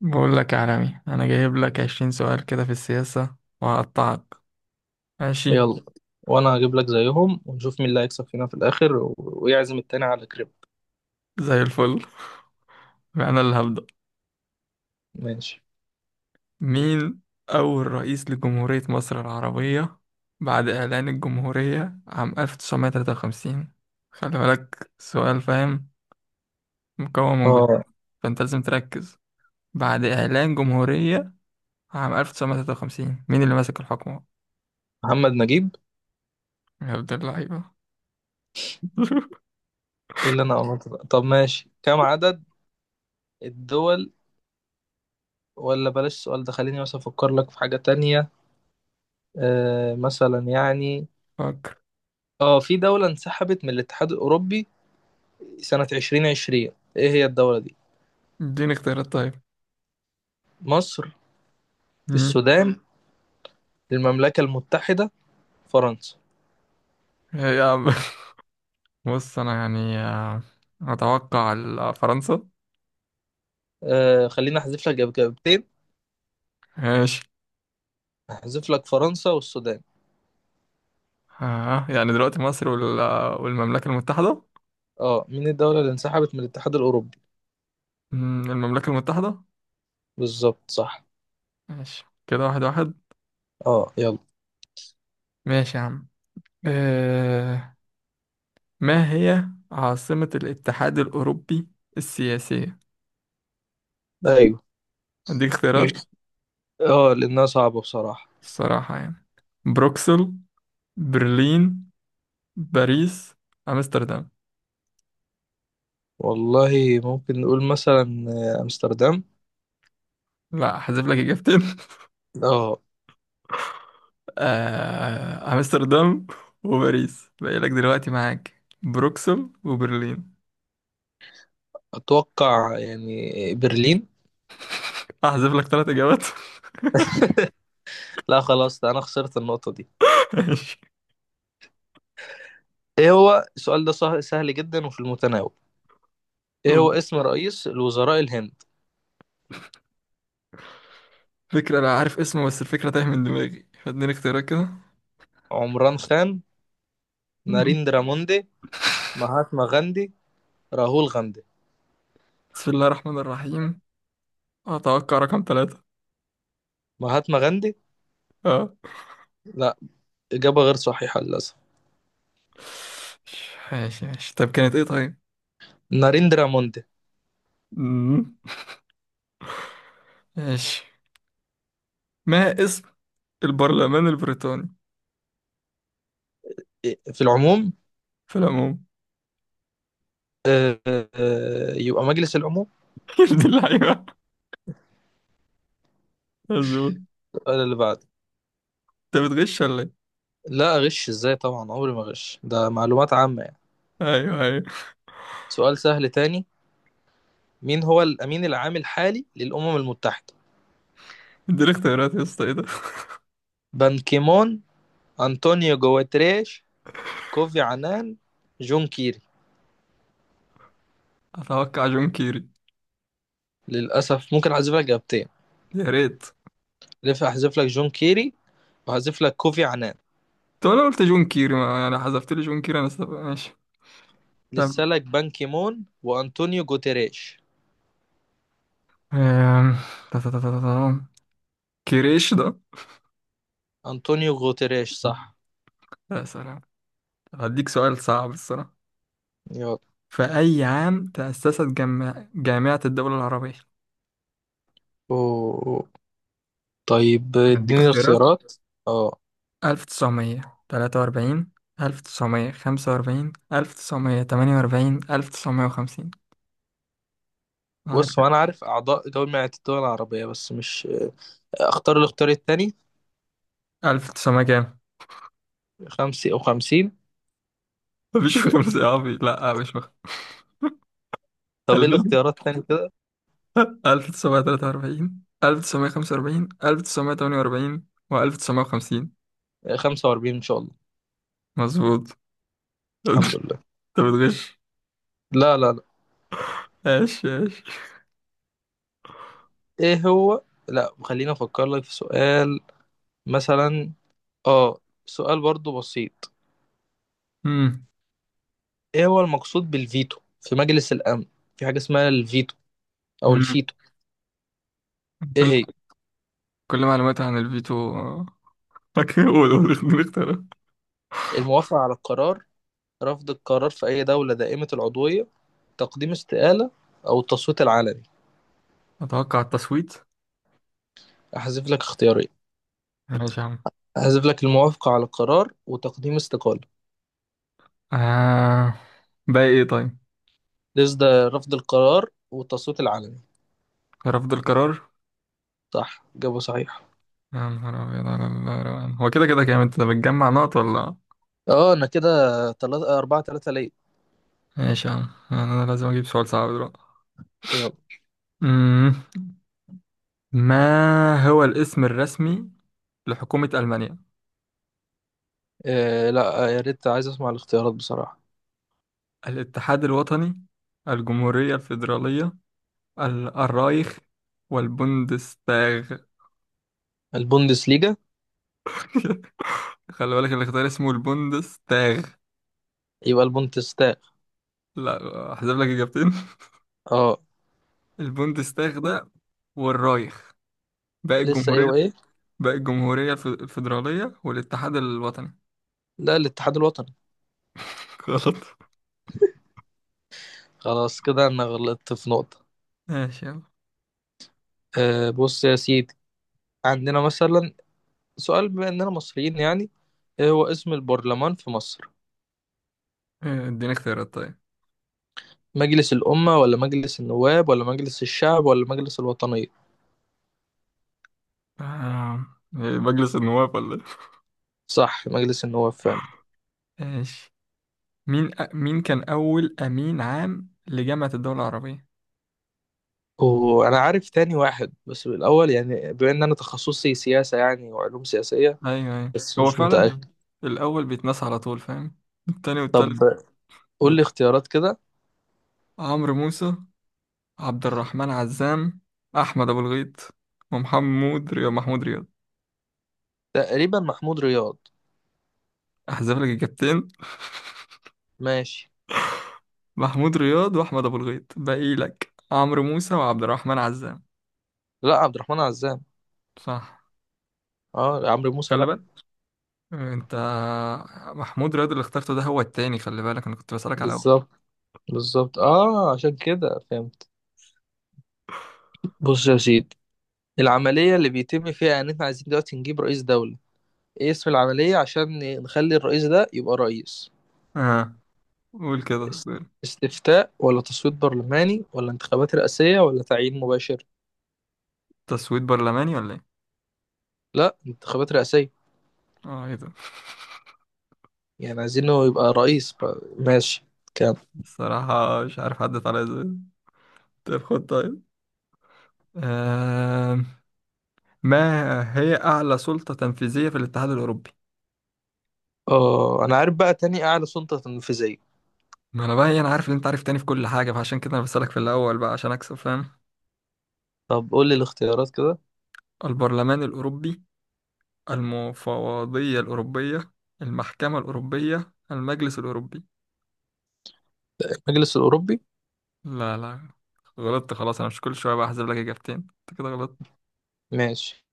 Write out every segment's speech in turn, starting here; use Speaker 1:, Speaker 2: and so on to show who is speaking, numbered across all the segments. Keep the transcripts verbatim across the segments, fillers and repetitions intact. Speaker 1: بقول لك يا عالمي، انا جايب لك عشرين سؤال كده في السياسة وهقطعك. ماشي؟
Speaker 2: يلا. وانا هجيب لك زيهم، ونشوف مين اللي هيكسب فينا في الاخر و- ويعزم التاني على كريب.
Speaker 1: زي الفل. انا اللي هبدأ.
Speaker 2: ماشي.
Speaker 1: مين اول رئيس لجمهورية مصر العربية بعد اعلان الجمهورية عام ألف تسعمية تلاتة وخمسين؟ خلي بالك، سؤال فاهم، مكون من
Speaker 2: اه،
Speaker 1: جزئين، فانت لازم تركز. بعد اعلان جمهورية عام ألف تسعمية تلاتة وخمسين، مين اللي ماسك الحكم؟
Speaker 2: محمد نجيب.
Speaker 1: يا عبد اللعيبة.
Speaker 2: إيه اللي انا قلت ده؟ طب ماشي، كم عدد الدول؟ ولا بلاش السؤال ده، خليني بس افكر لك في حاجة تانية. آه، مثلا يعني،
Speaker 1: فكر.
Speaker 2: اه، في دولة انسحبت من الاتحاد الاوروبي سنة ألفين وعشرين، ايه هي الدولة دي؟
Speaker 1: اديني اختيارات طيب.
Speaker 2: مصر،
Speaker 1: مم.
Speaker 2: السودان، المملكة المتحدة، فرنسا.
Speaker 1: يا عم. بص، انا يعني آه، اتوقع ال- آه، فرنسا.
Speaker 2: آه، خليني احذف لك إجابتين.
Speaker 1: ماشي.
Speaker 2: احذف لك فرنسا والسودان.
Speaker 1: آه، يعني دلوقتي مصر وال- آه، والمملكة المتحدة.
Speaker 2: اه، مين الدولة اللي انسحبت من الاتحاد الأوروبي؟
Speaker 1: مم، المملكة المتحدة.
Speaker 2: بالظبط، صح.
Speaker 1: ماشي كده، واحد واحد.
Speaker 2: اه، يلا.
Speaker 1: ماشي يا عم. آه. ما هي عاصمة الاتحاد الأوروبي السياسية؟
Speaker 2: أيوه.
Speaker 1: هديك
Speaker 2: مش،
Speaker 1: اختيارات.
Speaker 2: اه، لأنها صعبة بصراحة.
Speaker 1: الصراحة يعني، بروكسل، برلين، باريس، أمستردام.
Speaker 2: والله ممكن نقول مثلا، آه، أمستردام.
Speaker 1: لا، هحذف لك إجابتين.
Speaker 2: اه.
Speaker 1: آه، امستردام وباريس باقي لك، دلوقتي معاك بروكسل وبرلين.
Speaker 2: أتوقع يعني برلين.
Speaker 1: احذف لك تلات اجابات.
Speaker 2: لا خلاص، ده أنا خسرت النقطة دي.
Speaker 1: ماشي.
Speaker 2: إيه هو السؤال ده سه- سهل جدا وفي المتناول. إيه هو اسم رئيس الوزراء الهند؟
Speaker 1: فكرة، انا عارف اسمه بس الفكرة تايه من دماغي، فاديني اختيارات كده.
Speaker 2: عمران خان،
Speaker 1: مم.
Speaker 2: ناريندرا موندي، مهاتما غاندي، راهول غاندي.
Speaker 1: بسم الله الرحمن الرحيم، اتوقع رقم ثلاثة.
Speaker 2: مهاتما غاندي.
Speaker 1: اه.
Speaker 2: لا، إجابة غير صحيحة للأسف.
Speaker 1: ماشي ماشي، طب كانت ايه طيب؟
Speaker 2: ناريندرا موندي.
Speaker 1: مم. ماشي. ما اسم البرلمان البريطاني
Speaker 2: في العموم.
Speaker 1: في العموم؟
Speaker 2: آه، آه، يبقى مجلس العموم.
Speaker 1: يا دي اللعيبة، مظبوط.
Speaker 2: السؤال اللي بعده.
Speaker 1: انت بتغش ولا ايه؟
Speaker 2: لا، أغش إزاي؟ طبعا عمري ما أغش، ده معلومات عامة يعني.
Speaker 1: ايوه ايوه.
Speaker 2: سؤال سهل تاني. مين هو الأمين العام الحالي للأمم المتحدة؟
Speaker 1: اديني اختيارات يا اسطى، ايه ده؟
Speaker 2: بان كيمون، أنطونيو جواتريش، كوفي عنان، جون كيري.
Speaker 1: اتوقع جون كيري.
Speaker 2: للأسف. ممكن أحذف لك إجابتين.
Speaker 1: يا ريت.
Speaker 2: لف أحذف لك جون كيري، وأحذف لك كوفي عنان.
Speaker 1: طب انا قلت جون كيري، ما يعني حذفت لي جون كيري، انا سب... ماشي.
Speaker 2: لسه
Speaker 1: طب،
Speaker 2: لك بان كيمون وأنطونيو جوتريش.
Speaker 1: آم، تا- تا- تا- تا- تا- تا. كريش ده.
Speaker 2: أنطونيو جوتريش صح.
Speaker 1: يا سلام. هديك سؤال صعب الصراحة.
Speaker 2: يلا.
Speaker 1: في أي عام تأسست جامع... جامعة الدول العربية؟
Speaker 2: أوه. طيب
Speaker 1: هديك
Speaker 2: اديني
Speaker 1: اختيارات:
Speaker 2: الاختيارات. اه،
Speaker 1: ألف تسعمية تلاتة واربعين، ألف تسعمية خمسة واربعين، ألف تسعمية تمنية واربعين، ألف تسعمية وخمسين. معاك؟
Speaker 2: بص هو انا عارف اعضاء جامعة الدول العربية بس مش. اختار الاختيار التاني.
Speaker 1: ألف تسعمية كام؟
Speaker 2: خمسة وخمسين.
Speaker 1: مفيش خمسة يا عبي، لا مش مخ...
Speaker 2: طب ايه الاختيارات التاني كده؟
Speaker 1: ألف تسعمية تلاتة واربعين، ألف تسعمية خمسة واربعين، ألف تسعمية تمنية واربعين، وألف تسعمية وخمسين.
Speaker 2: خمسة واربعين ان شاء الله.
Speaker 1: مظبوط.
Speaker 2: الحمد
Speaker 1: انت
Speaker 2: لله.
Speaker 1: بتغش.
Speaker 2: لا لا لا.
Speaker 1: ايش ايش.
Speaker 2: ايه هو؟ لا خليني افكر لك في سؤال، مثلا، اه، سؤال برضو بسيط.
Speaker 1: مم.
Speaker 2: ايه هو المقصود بالفيتو في مجلس الامن؟ في حاجة اسمها الفيتو او
Speaker 1: مم.
Speaker 2: الفيتو، ايه
Speaker 1: كل
Speaker 2: هي؟
Speaker 1: كل معلوماتي عن الفيتو، فاكر، قول قول، خليني اختار.
Speaker 2: الموافقة على القرار، رفض القرار في اي دولة دائمة العضوية، تقديم استقالة، او التصويت العلني.
Speaker 1: اتوقع التصويت.
Speaker 2: احذف لك اختيارين.
Speaker 1: ماشي يا عم.
Speaker 2: أحذف لك الموافقة على القرار وتقديم استقالة.
Speaker 1: آه. باقي ايه طيب؟
Speaker 2: ليس ده، رفض القرار والتصويت العلني.
Speaker 1: رفض القرار.
Speaker 2: صح، جابه صحيح.
Speaker 1: يا نهار ابيض على الروقان! هو كده كده كام؟ انت بتجمع نقط ولا؟
Speaker 2: اه انا كده تلاتة، أربعة تلاتة ليا.
Speaker 1: ماشي يا عم، انا لازم اجيب سؤال صعب دلوقتي.
Speaker 2: يلا.
Speaker 1: مم. ما هو الاسم الرسمي لحكومة ألمانيا؟
Speaker 2: آه لا، آه، يا ريت عايز اسمع الاختيارات بصراحة.
Speaker 1: الاتحاد الوطني، الجمهورية الفيدرالية، ال- الرايخ، والبوندستاغ.
Speaker 2: البوندسليجا.
Speaker 1: خلي بالك الاختيار اسمه البوندستاغ.
Speaker 2: يبقى البوندستاغ.
Speaker 1: لا، احذف لك إجابتين.
Speaker 2: اه.
Speaker 1: البوندستاغ ده والرايخ. باقي
Speaker 2: لسه ايه
Speaker 1: الجمهورية.
Speaker 2: وايه؟
Speaker 1: باقي الجمهورية الف- الفيدرالية والاتحاد الوطني.
Speaker 2: لا، الاتحاد الوطني.
Speaker 1: غلط.
Speaker 2: خلاص كده انا غلطت في نقطة.
Speaker 1: ماشي، يلا.
Speaker 2: آه بص يا سيدي، عندنا مثلا سؤال، بما اننا مصريين يعني، ايه هو اسم البرلمان في مصر؟
Speaker 1: إيه، اديني اختيارات طيب.
Speaker 2: مجلس الأمة ولا مجلس النواب ولا مجلس الشعب ولا مجلس الوطنية؟
Speaker 1: آه، إيه، مجلس النواب ولا إيه؟
Speaker 2: صح، مجلس النواب فعلا.
Speaker 1: ماشي. مين أ... مين كان أول أمين عام لجامعة الدول العربية؟
Speaker 2: وأنا عارف تاني واحد بس بالأول، يعني بما إن أنا تخصصي سياسة يعني وعلوم سياسية،
Speaker 1: ايوه ايوه،
Speaker 2: بس
Speaker 1: هو
Speaker 2: مش
Speaker 1: فعلا
Speaker 2: متأكد.
Speaker 1: الاول بيتنسى على طول، فاهم؟ التاني
Speaker 2: طب
Speaker 1: والتالت.
Speaker 2: قول لي
Speaker 1: بت-
Speaker 2: اختيارات كده.
Speaker 1: عمرو موسى، عبد الرحمن عزام، احمد ابو الغيط، ومحمود رياض محمود رياض
Speaker 2: تقريبا محمود رياض.
Speaker 1: احذف لك اجابتين.
Speaker 2: ماشي.
Speaker 1: محمود رياض واحمد ابو الغيط، باقي لك عمرو موسى وعبد الرحمن عزام.
Speaker 2: لا، عبد الرحمن عزام.
Speaker 1: صح.
Speaker 2: اه، عمرو موسى
Speaker 1: خلي
Speaker 2: لا.
Speaker 1: بالك انت، محمود رياض اللي اخترته ده هو التاني، خلي بالك انا كنت بسألك على اول.
Speaker 2: بالظبط، بالظبط، اه، عشان كده فهمت. بص يا سيدي، العملية اللي بيتم فيها ان احنا عايزين دلوقتي نجيب رئيس دولة، ايه اسم العملية عشان نخلي الرئيس ده يبقى رئيس؟
Speaker 1: اه، قول كده.
Speaker 2: است- استفتاء ولا تصويت برلماني ولا انتخابات رئاسية ولا تعيين مباشر؟
Speaker 1: تسويت برلماني ولا ايه؟
Speaker 2: لا، انتخابات رئاسية.
Speaker 1: اه ايه ده.
Speaker 2: يعني عايزينه يبقى رئيس بقى. ماشي. كام؟
Speaker 1: الصراحة مش عارف عدت عليا ازاي. طيب خد طيب. آم، ما هي أعلى سلطة تنفيذية في الاتحاد الأوروبي؟
Speaker 2: اه انا عارف بقى تاني اعلى سلطة تنفيذية.
Speaker 1: ما أنا بقى إيه، أنا عارف إن أنت عارف تاني في كل حاجة، فعشان كده أنا بسألك في الأول بقى عشان أكسب، فاهم؟
Speaker 2: طب قول لي الاختيارات كده.
Speaker 1: البرلمان الأوروبي، المفوضية الأوروبية، المحكمة الأوروبية، المجلس الأوروبي.
Speaker 2: المجلس الأوروبي.
Speaker 1: لا لا، غلطت خلاص. أنا مش كل شوية بقى أحذف لك إجابتين، أنت كده غلطت.
Speaker 2: ماشي.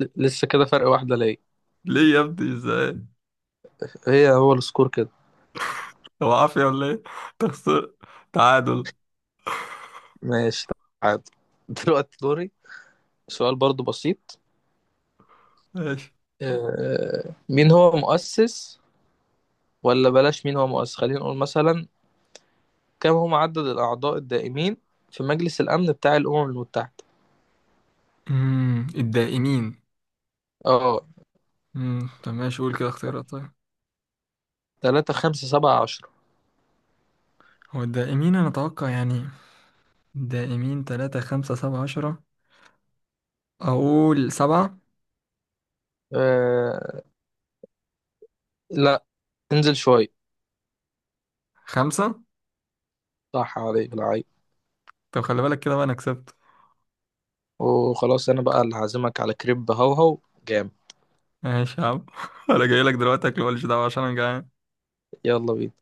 Speaker 2: ل- لسه كده فرق واحدة ليا.
Speaker 1: ليه يا ابني إزاي؟
Speaker 2: هي هو السكور كده.
Speaker 1: هو عافية ولا إيه؟ تخسر. تعادل.
Speaker 2: ماشي، تعادل. دلوقتي دوري. سؤال برضو بسيط.
Speaker 1: ماشي.
Speaker 2: آه، مين هو مؤسس، ولا بلاش مين هو مؤسس، خلينا نقول مثلا، كم هو عدد الأعضاء الدائمين في مجلس الأمن بتاع الأمم المتحدة؟
Speaker 1: أمم، الدائمين.
Speaker 2: اه،
Speaker 1: أمم، طب ماشي، قول كده اختيارات طيب.
Speaker 2: تلاتة، خمسة، سبعة، عشرة.
Speaker 1: هو الدائمين، أنا أتوقع يعني. دائمين تلاتة، خمسة، سبعة، عشرة. أقول سبعة.
Speaker 2: آه. لا، انزل شوية.
Speaker 1: خمسة.
Speaker 2: صح، عليك العيب.
Speaker 1: طب خلي بالك كده بقى، أنا كسبت.
Speaker 2: وخلاص، أنا بقى اللي هعزمك على كريب. هوهو جامد.
Speaker 1: ماشي يا عم. أنا جاي لك دلوقتي أكل، ماليش دعوة عشان أنا جعان.
Speaker 2: يلا بينا.